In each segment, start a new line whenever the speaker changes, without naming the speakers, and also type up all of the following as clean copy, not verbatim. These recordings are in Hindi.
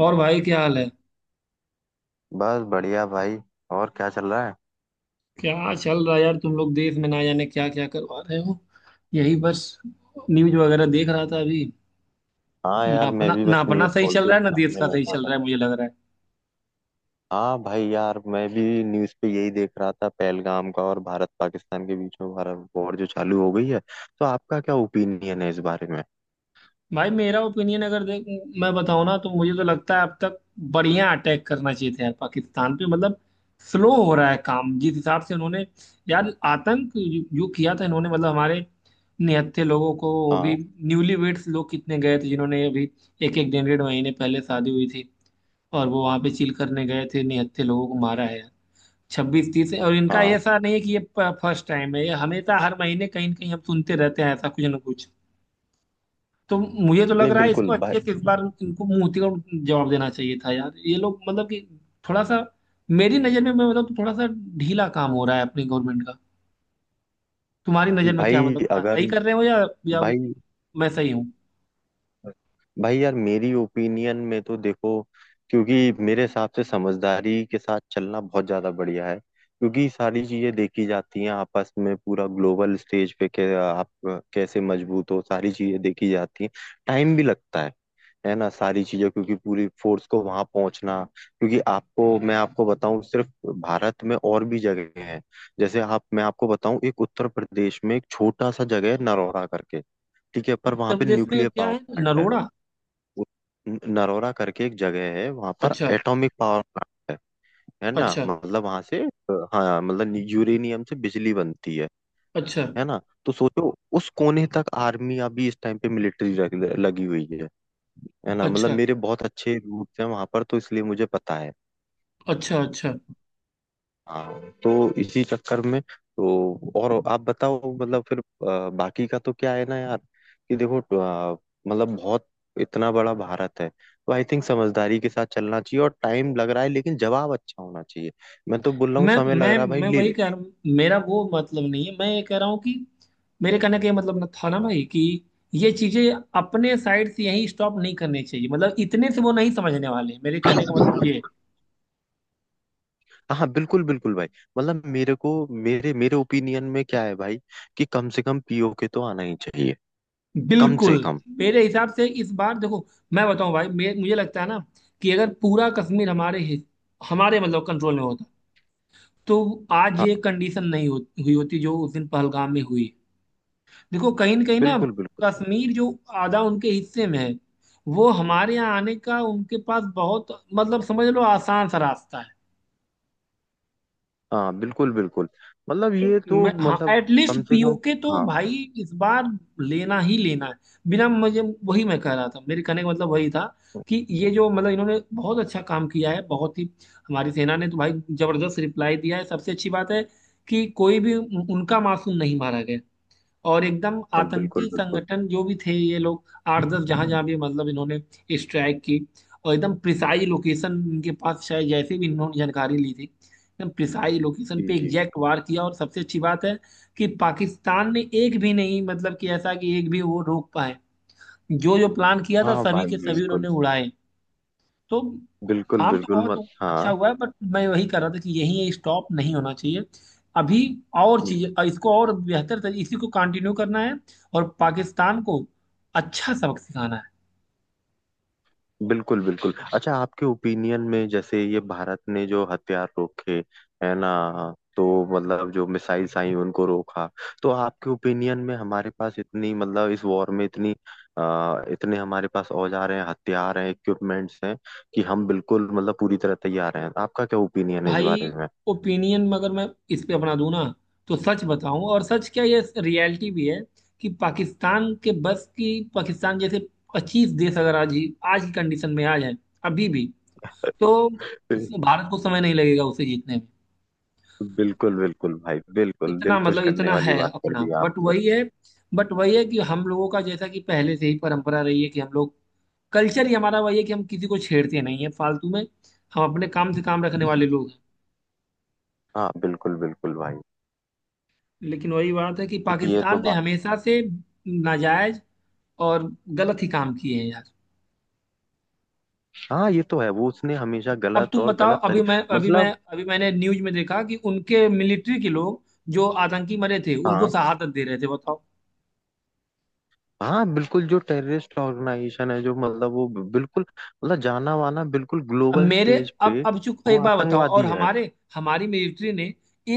और भाई क्या हाल है।
बस बढ़िया भाई। और क्या चल रहा है?
क्या चल रहा है यार, तुम लोग देश में ना जाने क्या क्या करवा रहे हो। यही बस, न्यूज वगैरह देख रहा था अभी।
हाँ
ना
यार, मैं
अपना
भी
ना
बस
अपना
न्यूज़
सही
खोल
चल
के ही
रहा है, ना देश
सामने
का सही
बैठा
चल
था।
रहा है मुझे लग रहा है।
हाँ भाई यार, मैं भी न्यूज़ पे यही देख रहा था पहलगाम का, और भारत पाकिस्तान के बीच में भारत वॉर जो चालू हो गई है। तो आपका क्या ओपिनियन है इस बारे में?
भाई मेरा ओपिनियन अगर देख, मैं बताऊं ना, तो मुझे तो लगता है अब तक बढ़िया अटैक करना चाहिए था यार पाकिस्तान पे। मतलब स्लो हो रहा है काम, जिस हिसाब से उन्होंने, यार आतंक जो जो किया था इन्होंने मतलब हमारे निहत्थे लोगों को, वो भी
हाँ।
न्यूली वेड्स लोग कितने गए थे जिन्होंने अभी एक एक डेढ़ डेढ़ महीने पहले शादी हुई थी और वो वहां पे चिल करने गए थे, निहत्थे लोगों को मारा है, 26-30। और इनका
हाँ।
ऐसा नहीं है कि ये फर्स्ट टाइम है, ये हमेशा हर महीने कहीं ना कहीं हम सुनते रहते हैं ऐसा कुछ ना कुछ। तो मुझे तो लग
नहीं,
रहा है
बिल्कुल
इसको अच्छे
भाई।
से इस बार इनको मुंह उतिकोड़ जवाब देना चाहिए था यार। ये लोग मतलब कि थोड़ा सा, मेरी नजर में मैं, मतलब थोड़ा सा ढीला काम हो रहा है अपनी गवर्नमेंट का। तुम्हारी नजर में क्या,
भाई
मतलब क्या सही
अगर।
कर रहे हो या
भाई।
मैं सही हूँ?
भाई यार, मेरी ओपिनियन में तो देखो, क्योंकि मेरे हिसाब से समझदारी के साथ चलना बहुत ज्यादा बढ़िया है। क्योंकि सारी चीजें देखी जाती हैं आपस में, पूरा ग्लोबल स्टेज पे के आप कैसे मजबूत हो, सारी चीजें देखी जाती हैं। टाइम भी लगता है ना। सारी चीजें, क्योंकि पूरी फोर्स को वहां पहुंचना, क्योंकि आपको मैं आपको बताऊं, सिर्फ भारत में और भी जगह हैं। जैसे आप, मैं आपको बताऊं, एक उत्तर प्रदेश में एक छोटा सा जगह है नरौरा करके। ठीक है, पर वहां
उत्तर
पे
प्रदेश में
न्यूक्लियर
क्या
पावर
है?
प्लांट है।
नरोड़ा?
वो नरोरा करके एक जगह है, वहां पर
अच्छा,
एटॉमिक पावर प्लांट है। है ना,
अच्छा,
मतलब वहां से। हाँ, मतलब यूरेनियम से बिजली बनती है।
अच्छा,
है ना। तो सोचो, उस कोने तक आर्मी अभी इस टाइम पे मिलिट्री लगी हुई है। है ना, मतलब
अच्छा,
मेरे बहुत अच्छे रूट्स हैं वहां पर, तो इसलिए मुझे पता है।
अच्छा, अच्छा।
हाँ, तो इसी चक्कर में। तो और आप बताओ, मतलब फिर बाकी का तो क्या है ना यार। कि देखो, मतलब बहुत, इतना बड़ा भारत है, तो आई थिंक समझदारी के साथ चलना चाहिए, और टाइम लग रहा है, लेकिन जवाब अच्छा होना चाहिए। मैं तो बोल रहा हूँ
मैं
समय लग
मैं
रहा है भाई,
मैं
ले
वही
ले।
कह रहा हूँ, मेरा वो मतलब नहीं है, मैं ये कह रहा हूँ कि मेरे कहने का ये मतलब ना था ना भाई कि ये चीजें अपने साइड से यहीं स्टॉप नहीं करनी चाहिए, मतलब इतने से वो नहीं समझने वाले, मेरे कहने का मतलब ये है।
बट। हाँ हाँ, बिल्कुल बिल्कुल भाई। मतलब मेरे को, मेरे मेरे ओपिनियन में क्या है भाई, कि कम से कम पीओके तो आना ही चाहिए। कम
बिल्कुल।
से कम।
मेरे हिसाब से इस बार देखो, मैं बताऊं भाई, मुझे लगता है ना कि अगर पूरा कश्मीर हमारे मतलब कंट्रोल में होता, तो आज
हाँ,
ये कंडीशन नहीं हो, हुई होती जो उस दिन पहलगाम में हुई। देखो कहीं न कहीं ना,
बिल्कुल बिल्कुल।
कश्मीर जो आधा उनके हिस्से में है, वो हमारे यहाँ आने का उनके पास बहुत, मतलब समझ लो, आसान सा रास्ता है।
हाँ बिल्कुल बिल्कुल, मतलब
तो
ये तो
मैं, हाँ,
मतलब
एटलीस्ट
कम से कम।
पीओके तो
हाँ
भाई इस बार लेना ही लेना है, बिना, मुझे वही मैं कह रहा था, मेरे कहने का मतलब वही था
हाँ,
कि ये जो, मतलब इन्होंने बहुत अच्छा काम किया है, बहुत ही। हमारी सेना ने तो भाई जबरदस्त रिप्लाई दिया है। सबसे अच्छी बात है कि कोई भी उनका मासूम नहीं मारा गया, और एकदम आतंकी
बिल्कुल बिल्कुल।
संगठन जो भी थे ये लोग, आठ दस जहां जहां भी मतलब इन्होंने स्ट्राइक की, और एकदम प्रिसाई लोकेशन इनके पास शायद, जैसे भी इन्होंने जानकारी ली थी, एकदम प्रिसाई लोकेशन
जी
पे
जी।
एग्जैक्ट वार किया। और सबसे अच्छी बात है कि पाकिस्तान ने एक भी नहीं, मतलब कि ऐसा कि एक भी वो रोक पाए, जो जो प्लान किया था
हाँ
सभी
भाई,
के सभी
बिल्कुल।
उन्होंने उड़ाए। तो
बिल्कुल
काम तो
बिल्कुल मत
बहुत अच्छा
हाँ।
हुआ है, बट मैं वही कर रहा था कि यही स्टॉप नहीं होना चाहिए अभी, और चीज इसको और बेहतर तरीके, इसी को कंटिन्यू करना है और पाकिस्तान को अच्छा सबक सिखाना है।
बिल्कुल बिल्कुल, अच्छा आपके ओपिनियन में जैसे ये भारत ने जो हथियार रोके, है ना, तो मतलब जो मिसाइल्स आई उनको रोका, तो आपके ओपिनियन में हमारे पास इतनी, मतलब इस वॉर में इतनी, इतने हमारे पास औजार हैं, हथियार हैं, इक्विपमेंट्स हैं कि हम बिल्कुल, मतलब पूरी तरह तैयार हैं, आपका क्या ओपिनियन है इस
भाई
बारे में?
ओपिनियन अगर मैं इस पे अपना दूं ना, तो सच बताऊं, और सच क्या, ये रियलिटी भी है कि पाकिस्तान के बस की, पाकिस्तान जैसे 25 देश अगर आज ही, आज की कंडीशन में आ जाए अभी भी, तो उस भारत को समय नहीं लगेगा उसे जीतने में।
बिल्कुल बिल्कुल भाई, बिल्कुल
इतना
दिल खुश
मतलब
करने
इतना है
वाली बात कर
अपना,
दी
बट
आपने।
वही है, बट वही है कि हम लोगों का, जैसा कि पहले से ही परंपरा रही है कि हम लोग, कल्चर ही हमारा वही है कि हम किसी को छेड़ते नहीं है फालतू में, हम अपने काम से काम रखने वाले लोग हैं।
हाँ बिल्कुल बिल्कुल भाई।
लेकिन वही बात है कि
ये तो
पाकिस्तान ने
बात।
हमेशा से नाजायज और गलत ही काम किए हैं यार।
हाँ ये तो है, वो उसने हमेशा
अब
गलत
तुम
और
बताओ,
गलत
अभी
तरी।
मैं अभी मैं
मतलब।
अभी मैंने न्यूज में देखा कि उनके मिलिट्री के लोग, जो आतंकी मरे थे, उनको
हाँ
शहादत दे रहे थे, बताओ।
हाँ, बिल्कुल, जो टेररिस्ट ऑर्गेनाइजेशन है, जो मतलब वो बिल्कुल, मतलब जाना माना, बिल्कुल
अब
ग्लोबल
मेरे
स्टेज पे।
अब चूक
वो
एक बात बताओ, और
आतंकवादी है।
हमारे हमारी मिलिट्री ने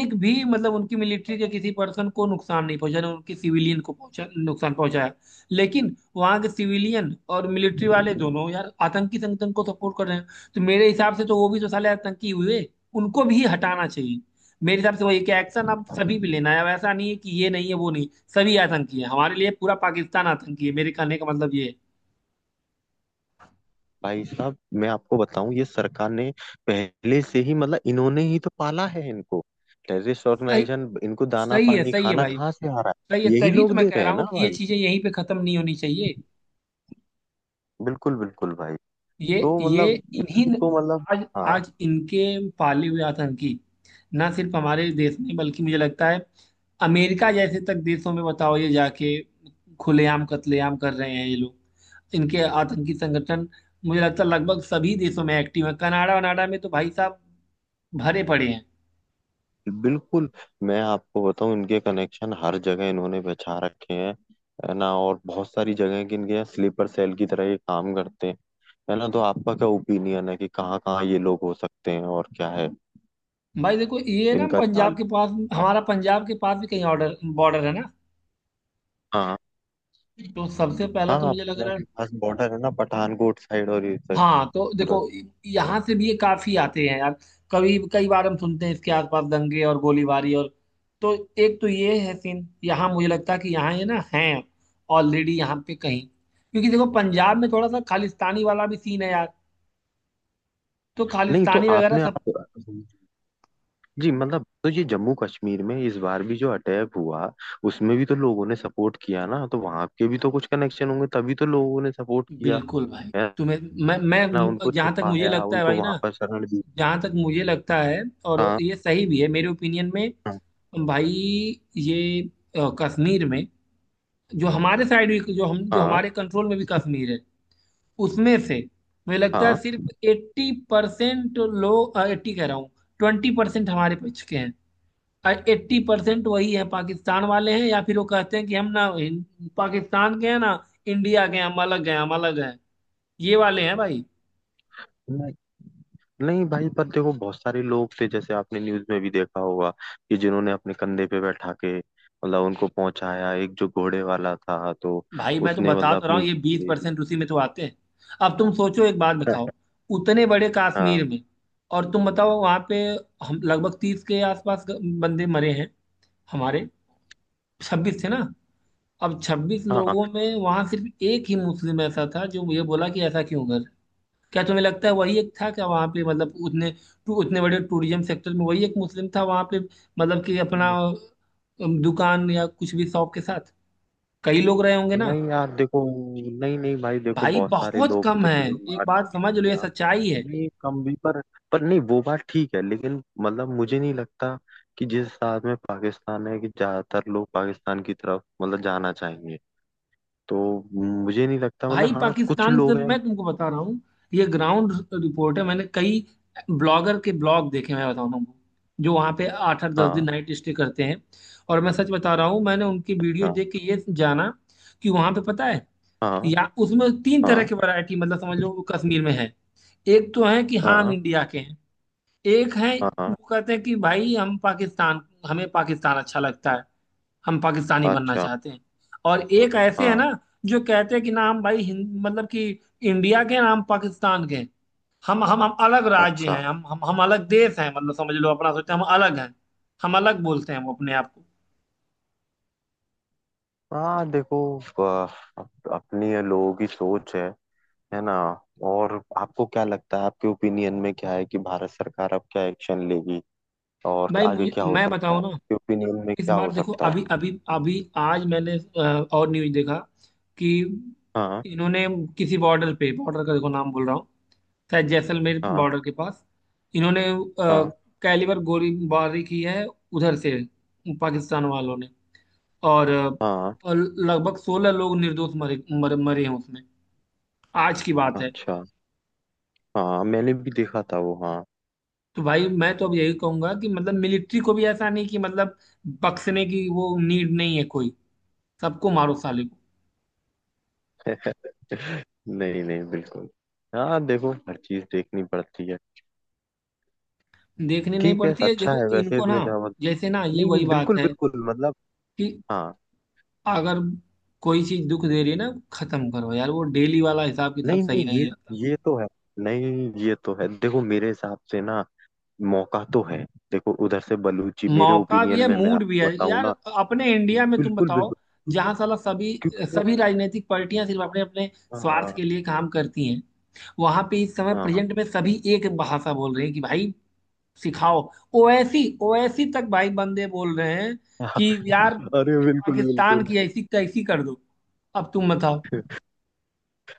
एक भी, मतलब उनकी मिलिट्री के किसी पर्सन को नुकसान नहीं पहुंचा, ना उनके सिविलियन को पहुंचा, नुकसान पहुंचाया, लेकिन वहां के सिविलियन और मिलिट्री वाले दोनों यार आतंकी संगठन को सपोर्ट कर रहे हैं। तो मेरे हिसाब से तो वो भी तो साले आतंकी हुए, उनको भी हटाना चाहिए। मेरे हिसाब से वही कि एक्शन अब सभी पे लेना है, अब ऐसा नहीं है कि ये नहीं है वो नहीं, सभी आतंकी है, हमारे लिए पूरा पाकिस्तान आतंकी है, मेरे कहने का मतलब ये है।
भाई साहब, मैं आपको बताऊं, ये सरकार ने पहले से ही, मतलब इन्होंने ही तो पाला है इनको, टेररिस्ट
सही,
ऑर्गेनाइजेशन, इनको दाना
सही है,
पानी
सही है
खाना
भाई।
कहाँ से आ रहा
तो ये,
है, यही
तभी तो
लोग
मैं
दे
कह
रहे
रहा
हैं ना
हूँ कि ये
भाई।
चीजें यहीं पे खत्म नहीं होनी चाहिए।
बिल्कुल बिल्कुल भाई। तो
ये
मतलब
इन्हीं
इसको मतलब।
आज
हाँ।
आज इनके पाले हुए आतंकी ना सिर्फ हमारे देश में, बल्कि मुझे लगता है अमेरिका जैसे तक देशों में, बताओ, ये जाके खुलेआम कत्लेआम कर रहे हैं ये लोग, इनके आतंकी संगठन। मुझे लगता है लगभग सभी देशों में एक्टिव है, कनाडा वनाडा में तो भाई साहब भरे पड़े हैं।
बिल्कुल। मैं आपको बताऊं, इनके कनेक्शन हर जगह इन्होंने बिछा रखे हैं, है ना, और बहुत सारी जगह के इनके यहाँ स्लीपर सेल की तरह ये काम करते हैं। है ना, तो आपका क्या ओपिनियन है कि कहाँ कहाँ ये लोग हो सकते हैं, और क्या है
भाई देखो ये ना
इनका
पंजाब
चाल?
के पास,
हाँ
हमारा पंजाब के पास भी कहीं ऑर्डर बॉर्डर है ना,
हाँ।
तो सबसे पहला
हाँ
तो
हाँ,
मुझे लग
पंजाब
रहा है,
के पास बॉर्डर है ना, पठानकोट साइड और ये साइड
हाँ तो
पूरा।
देखो, यहाँ से भी ये काफी आते हैं यार, कभी कई बार हम सुनते हैं इसके आसपास दंगे और गोलीबारी और। तो एक तो ये है सीन, यहाँ मुझे लगता है कि यहाँ ये ना है ऑलरेडी यहाँ पे कहीं, क्योंकि देखो पंजाब में थोड़ा सा खालिस्तानी वाला भी सीन है यार, तो
नहीं, तो
खालिस्तानी वगैरह
आपने
सब।
आप। जी, मतलब तो ये जम्मू कश्मीर में इस बार भी जो अटैक हुआ, उसमें भी तो लोगों ने सपोर्ट किया ना, तो वहां के भी तो कुछ कनेक्शन होंगे, तभी तो लोगों ने सपोर्ट किया
बिल्कुल भाई।
है।
तुम्हें, मैं
ना,
मैं
उनको
जहाँ तक मुझे
छुपाया,
लगता है
उनको
भाई ना,
वहां पर शरण दी।
जहाँ तक मुझे लगता है, और
हाँ।
ये सही भी है मेरे ओपिनियन में,
हाँ।
भाई ये, कश्मीर में जो हमारे साइड भी, जो
हाँ।
हमारे कंट्रोल में भी कश्मीर है, उसमें से मुझे लगता है
हाँ।
सिर्फ 80% लोग, एट्टी कह रहा हूँ, 20% हमारे पक्ष के हैं और 80% वही है, पाकिस्तान वाले हैं, या फिर वो कहते हैं कि हम ना, पाकिस्तान के हैं ना इंडिया के हैं, हम अलग हैं, हम अलग हैं, ये वाले हैं भाई।
नहीं नहीं भाई, पर देखो बहुत सारे लोग थे, जैसे आपने न्यूज में भी देखा होगा, कि जिन्होंने अपने कंधे पे बैठा के मतलब उनको पहुंचाया, एक जो घोड़े वाला था, तो
भाई मैं तो
उसने मतलब
बता तो रहा
अपनी
हूँ, ये
जान
बीस
दे
परसेंट
दी।
उसी में तो आते हैं। अब तुम सोचो, एक बात बताओ, उतने बड़े कश्मीर
हाँ।
में, और तुम बताओ वहां पे हम लगभग 30 के आसपास बंदे मरे हैं, हमारे 26 थे ना? अब छब्बीस
हाँ।
लोगों में वहां सिर्फ एक ही मुस्लिम ऐसा था जो ये बोला कि ऐसा क्यों कर, क्या तुम्हें लगता है वही एक था क्या वहां पे, मतलब उतने उतने बड़े टूरिज्म सेक्टर में वही एक मुस्लिम था वहां पे? मतलब कि अपना दुकान या कुछ भी शॉप के साथ कई लोग रहे होंगे ना।
नहीं यार, देखो। नहीं नहीं भाई, देखो
भाई
बहुत सारे
बहुत
लोग
कम है,
थे जो
एक
मार्च
बात
भी
समझ लो, ये
किया।
सच्चाई है।
नहीं, कम भी पर। पर नहीं, वो बात ठीक है, लेकिन मतलब मुझे नहीं लगता कि जिस हिसाब में पाकिस्तान है कि ज्यादातर लोग पाकिस्तान की तरफ मतलब जाना चाहेंगे। तो मुझे नहीं लगता, मतलब
भाई
हाँ कुछ
पाकिस्तान की
लोग
तरफ,
हैं।
मैं तुमको बता रहा हूँ, ये ग्राउंड रिपोर्ट है। मैंने कई ब्लॉगर के ब्लॉग देखे, मैं बता रहा हूँ, जो वहाँ पे आठ आठ दस दिन
हाँ।
नाइट स्टे करते हैं, और मैं सच बता रहा हूँ, मैंने उनकी वीडियो
अच्छा।
देख के ये जाना कि वहाँ पे पता है,
हाँ।
या उसमें तीन तरह
हाँ।
की वैरायटी, मतलब समझ लो, वो कश्मीर में है। एक तो है कि हाँ हम
हाँ।
इंडिया के हैं। एक है,
हाँ।
वो कहते हैं कि भाई हम पाकिस्तान, हमें पाकिस्तान अच्छा लगता है, हम पाकिस्तानी बनना
अच्छा।
चाहते हैं। और
हाँ।
एक ऐसे है
हाँ,
ना, जो कहते हैं कि ना हम भाई हिंद, मतलब कि इंडिया के हैं, ना हम पाकिस्तान के हैं। हम अलग राज्य
अच्छा।
हैं, हम अलग देश हैं, मतलब समझ लो अपना सोचते हैं हम अलग हैं, हम अलग बोलते हैं वो अपने आप को।
हाँ देखो, अपनी ये लोगों की सोच है। है ना। और आपको क्या लगता है, आपके ओपिनियन में क्या है कि भारत सरकार अब क्या एक्शन लेगी, और
भाई,
आगे
मुझे
क्या हो
मैं
सकता है,
बताऊं ना,
आपके ओपिनियन में
इस
क्या
बार
हो
देखो
सकता है?
अभी अभी अभी आज मैंने और न्यूज देखा कि
हाँ।
इन्होंने किसी बॉर्डर पे, बॉर्डर का देखो नाम बोल रहा हूँ, शायद जैसलमेर
हाँ।
बॉर्डर के पास इन्होंने
हाँ।
कैलिबर गोलीबारी की है उधर से पाकिस्तान वालों ने। और
हाँ।
और लगभग 16 लोग निर्दोष मरे हैं उसमें। आज की बात है।
अच्छा। हाँ, मैंने भी देखा था वो, हाँ।
तो भाई मैं तो अब यही कहूंगा कि मतलब मिलिट्री को भी ऐसा नहीं कि मतलब बख्शने की वो नीड नहीं है कोई, सबको मारो साले।
नहीं नहीं, बिल्कुल। हाँ देखो, हर चीज देखनी पड़ती है।
देखनी नहीं
ठीक है,
पड़ती है,
अच्छा
देखो
है, वैसे
इनको ना,
मेरा।
जैसे ना ये
नहीं नहीं,
वही बात
बिल्कुल
है
बिल्कुल, मतलब।
कि
हाँ।
अगर कोई चीज दुख दे रही है ना, खत्म करो यार, वो डेली वाला हिसाब किताब
नहीं नहीं,
सही
ये
नहीं आता मुझे।
ये तो है। नहीं, ये तो है, देखो मेरे हिसाब से ना, मौका तो है। देखो उधर से बलूची, मेरे
मौका भी
ओपिनियन
है,
में, मैं
मूड भी है
आपको बताऊं
यार।
ना।
अपने इंडिया में तुम
बिल्कुल
बताओ,
बिल्कुल। क्योंकि
जहां साला सभी,
क्योंकि मैं।
सभी राजनीतिक पार्टियां सिर्फ अपने अपने
हाँ
स्वार्थ के लिए काम करती हैं, वहां पे इस समय
हाँ।
प्रेजेंट में सभी एक भाषा बोल रहे हैं कि भाई सिखाओ, ओवैसी ओवैसी तक भाई बंदे बोल रहे हैं
हाँ।
कि यार
अरे बिल्कुल
पाकिस्तान
बिल्कुल,
की ऐसी तैसी कर दो। अब तुम बताओ,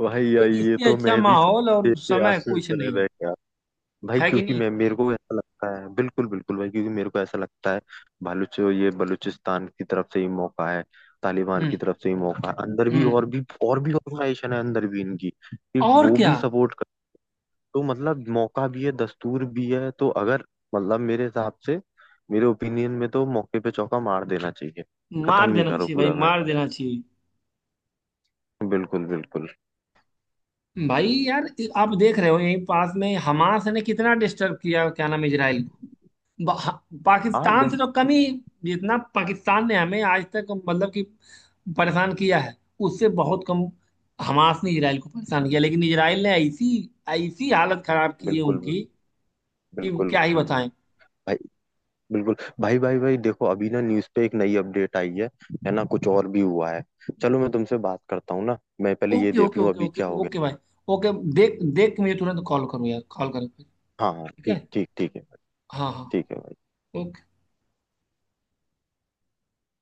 भाई
तो
यार ये
इससे
तो
अच्छा
मैं भी सोच,
माहौल
देख
और
के
समय कुछ
आश्चर्य
नहीं है,
रह गया। भाई,
है कि
क्योंकि
नहीं?
मैं मेरे को ऐसा लगता है, बिल्कुल बिल्कुल भाई, क्योंकि मेरे को ऐसा लगता है बलूच, ये बलूचिस्तान की तरफ से ही मौका है। तालिबान की
हम्म।
तरफ से ही मौका है, अंदर भी,
हम्म।
और भी ऑर्गेनाइजेशन है अंदर भी इनकी, कि
और
वो
क्या।
भी सपोर्ट। तो मतलब मौका भी है, दस्तूर भी है, तो अगर मतलब मेरे हिसाब से, मेरे ओपिनियन में तो मौके पे चौका मार देना चाहिए,
मार
खत्म ही
देना
करो
चाहिए भाई,
पूरा
मार
मैटर।
देना चाहिए
बिल्कुल बिल्कुल।
भाई यार। आप देख रहे हो, यहीं पास में हमास ने कितना डिस्टर्ब किया, क्या नाम है, इजराइल को
हाँ
पाकिस्तान से
बिल्कुल
तो कम ही। जितना पाकिस्तान ने हमें आज तक मतलब कि परेशान किया है, उससे बहुत कम हमास ने इजराइल को परेशान किया, लेकिन इजराइल ने ऐसी ऐसी हालत खराब की है
बिल्कुल
उनकी कि
बिल्कुल
क्या ही बताएं।
भाई, बिल्कुल। भाई भाई भाई, देखो अभी ना न्यूज़ पे एक नई अपडेट आई है ना, कुछ और भी हुआ है। चलो मैं तुमसे बात करता हूँ ना, मैं पहले ये
ओके,
देख
ओके,
लूँ
ओके,
अभी
ओके,
क्या हो गया।
ओके भाई, ओके, देख देख के मुझे तुरंत कॉल करो यार, कॉल करो फिर।
हाँ हाँ,
ठीक है।
ठीक ठीक, ठीक है भाई,
हाँ हाँ।
ठीक है।
ओके।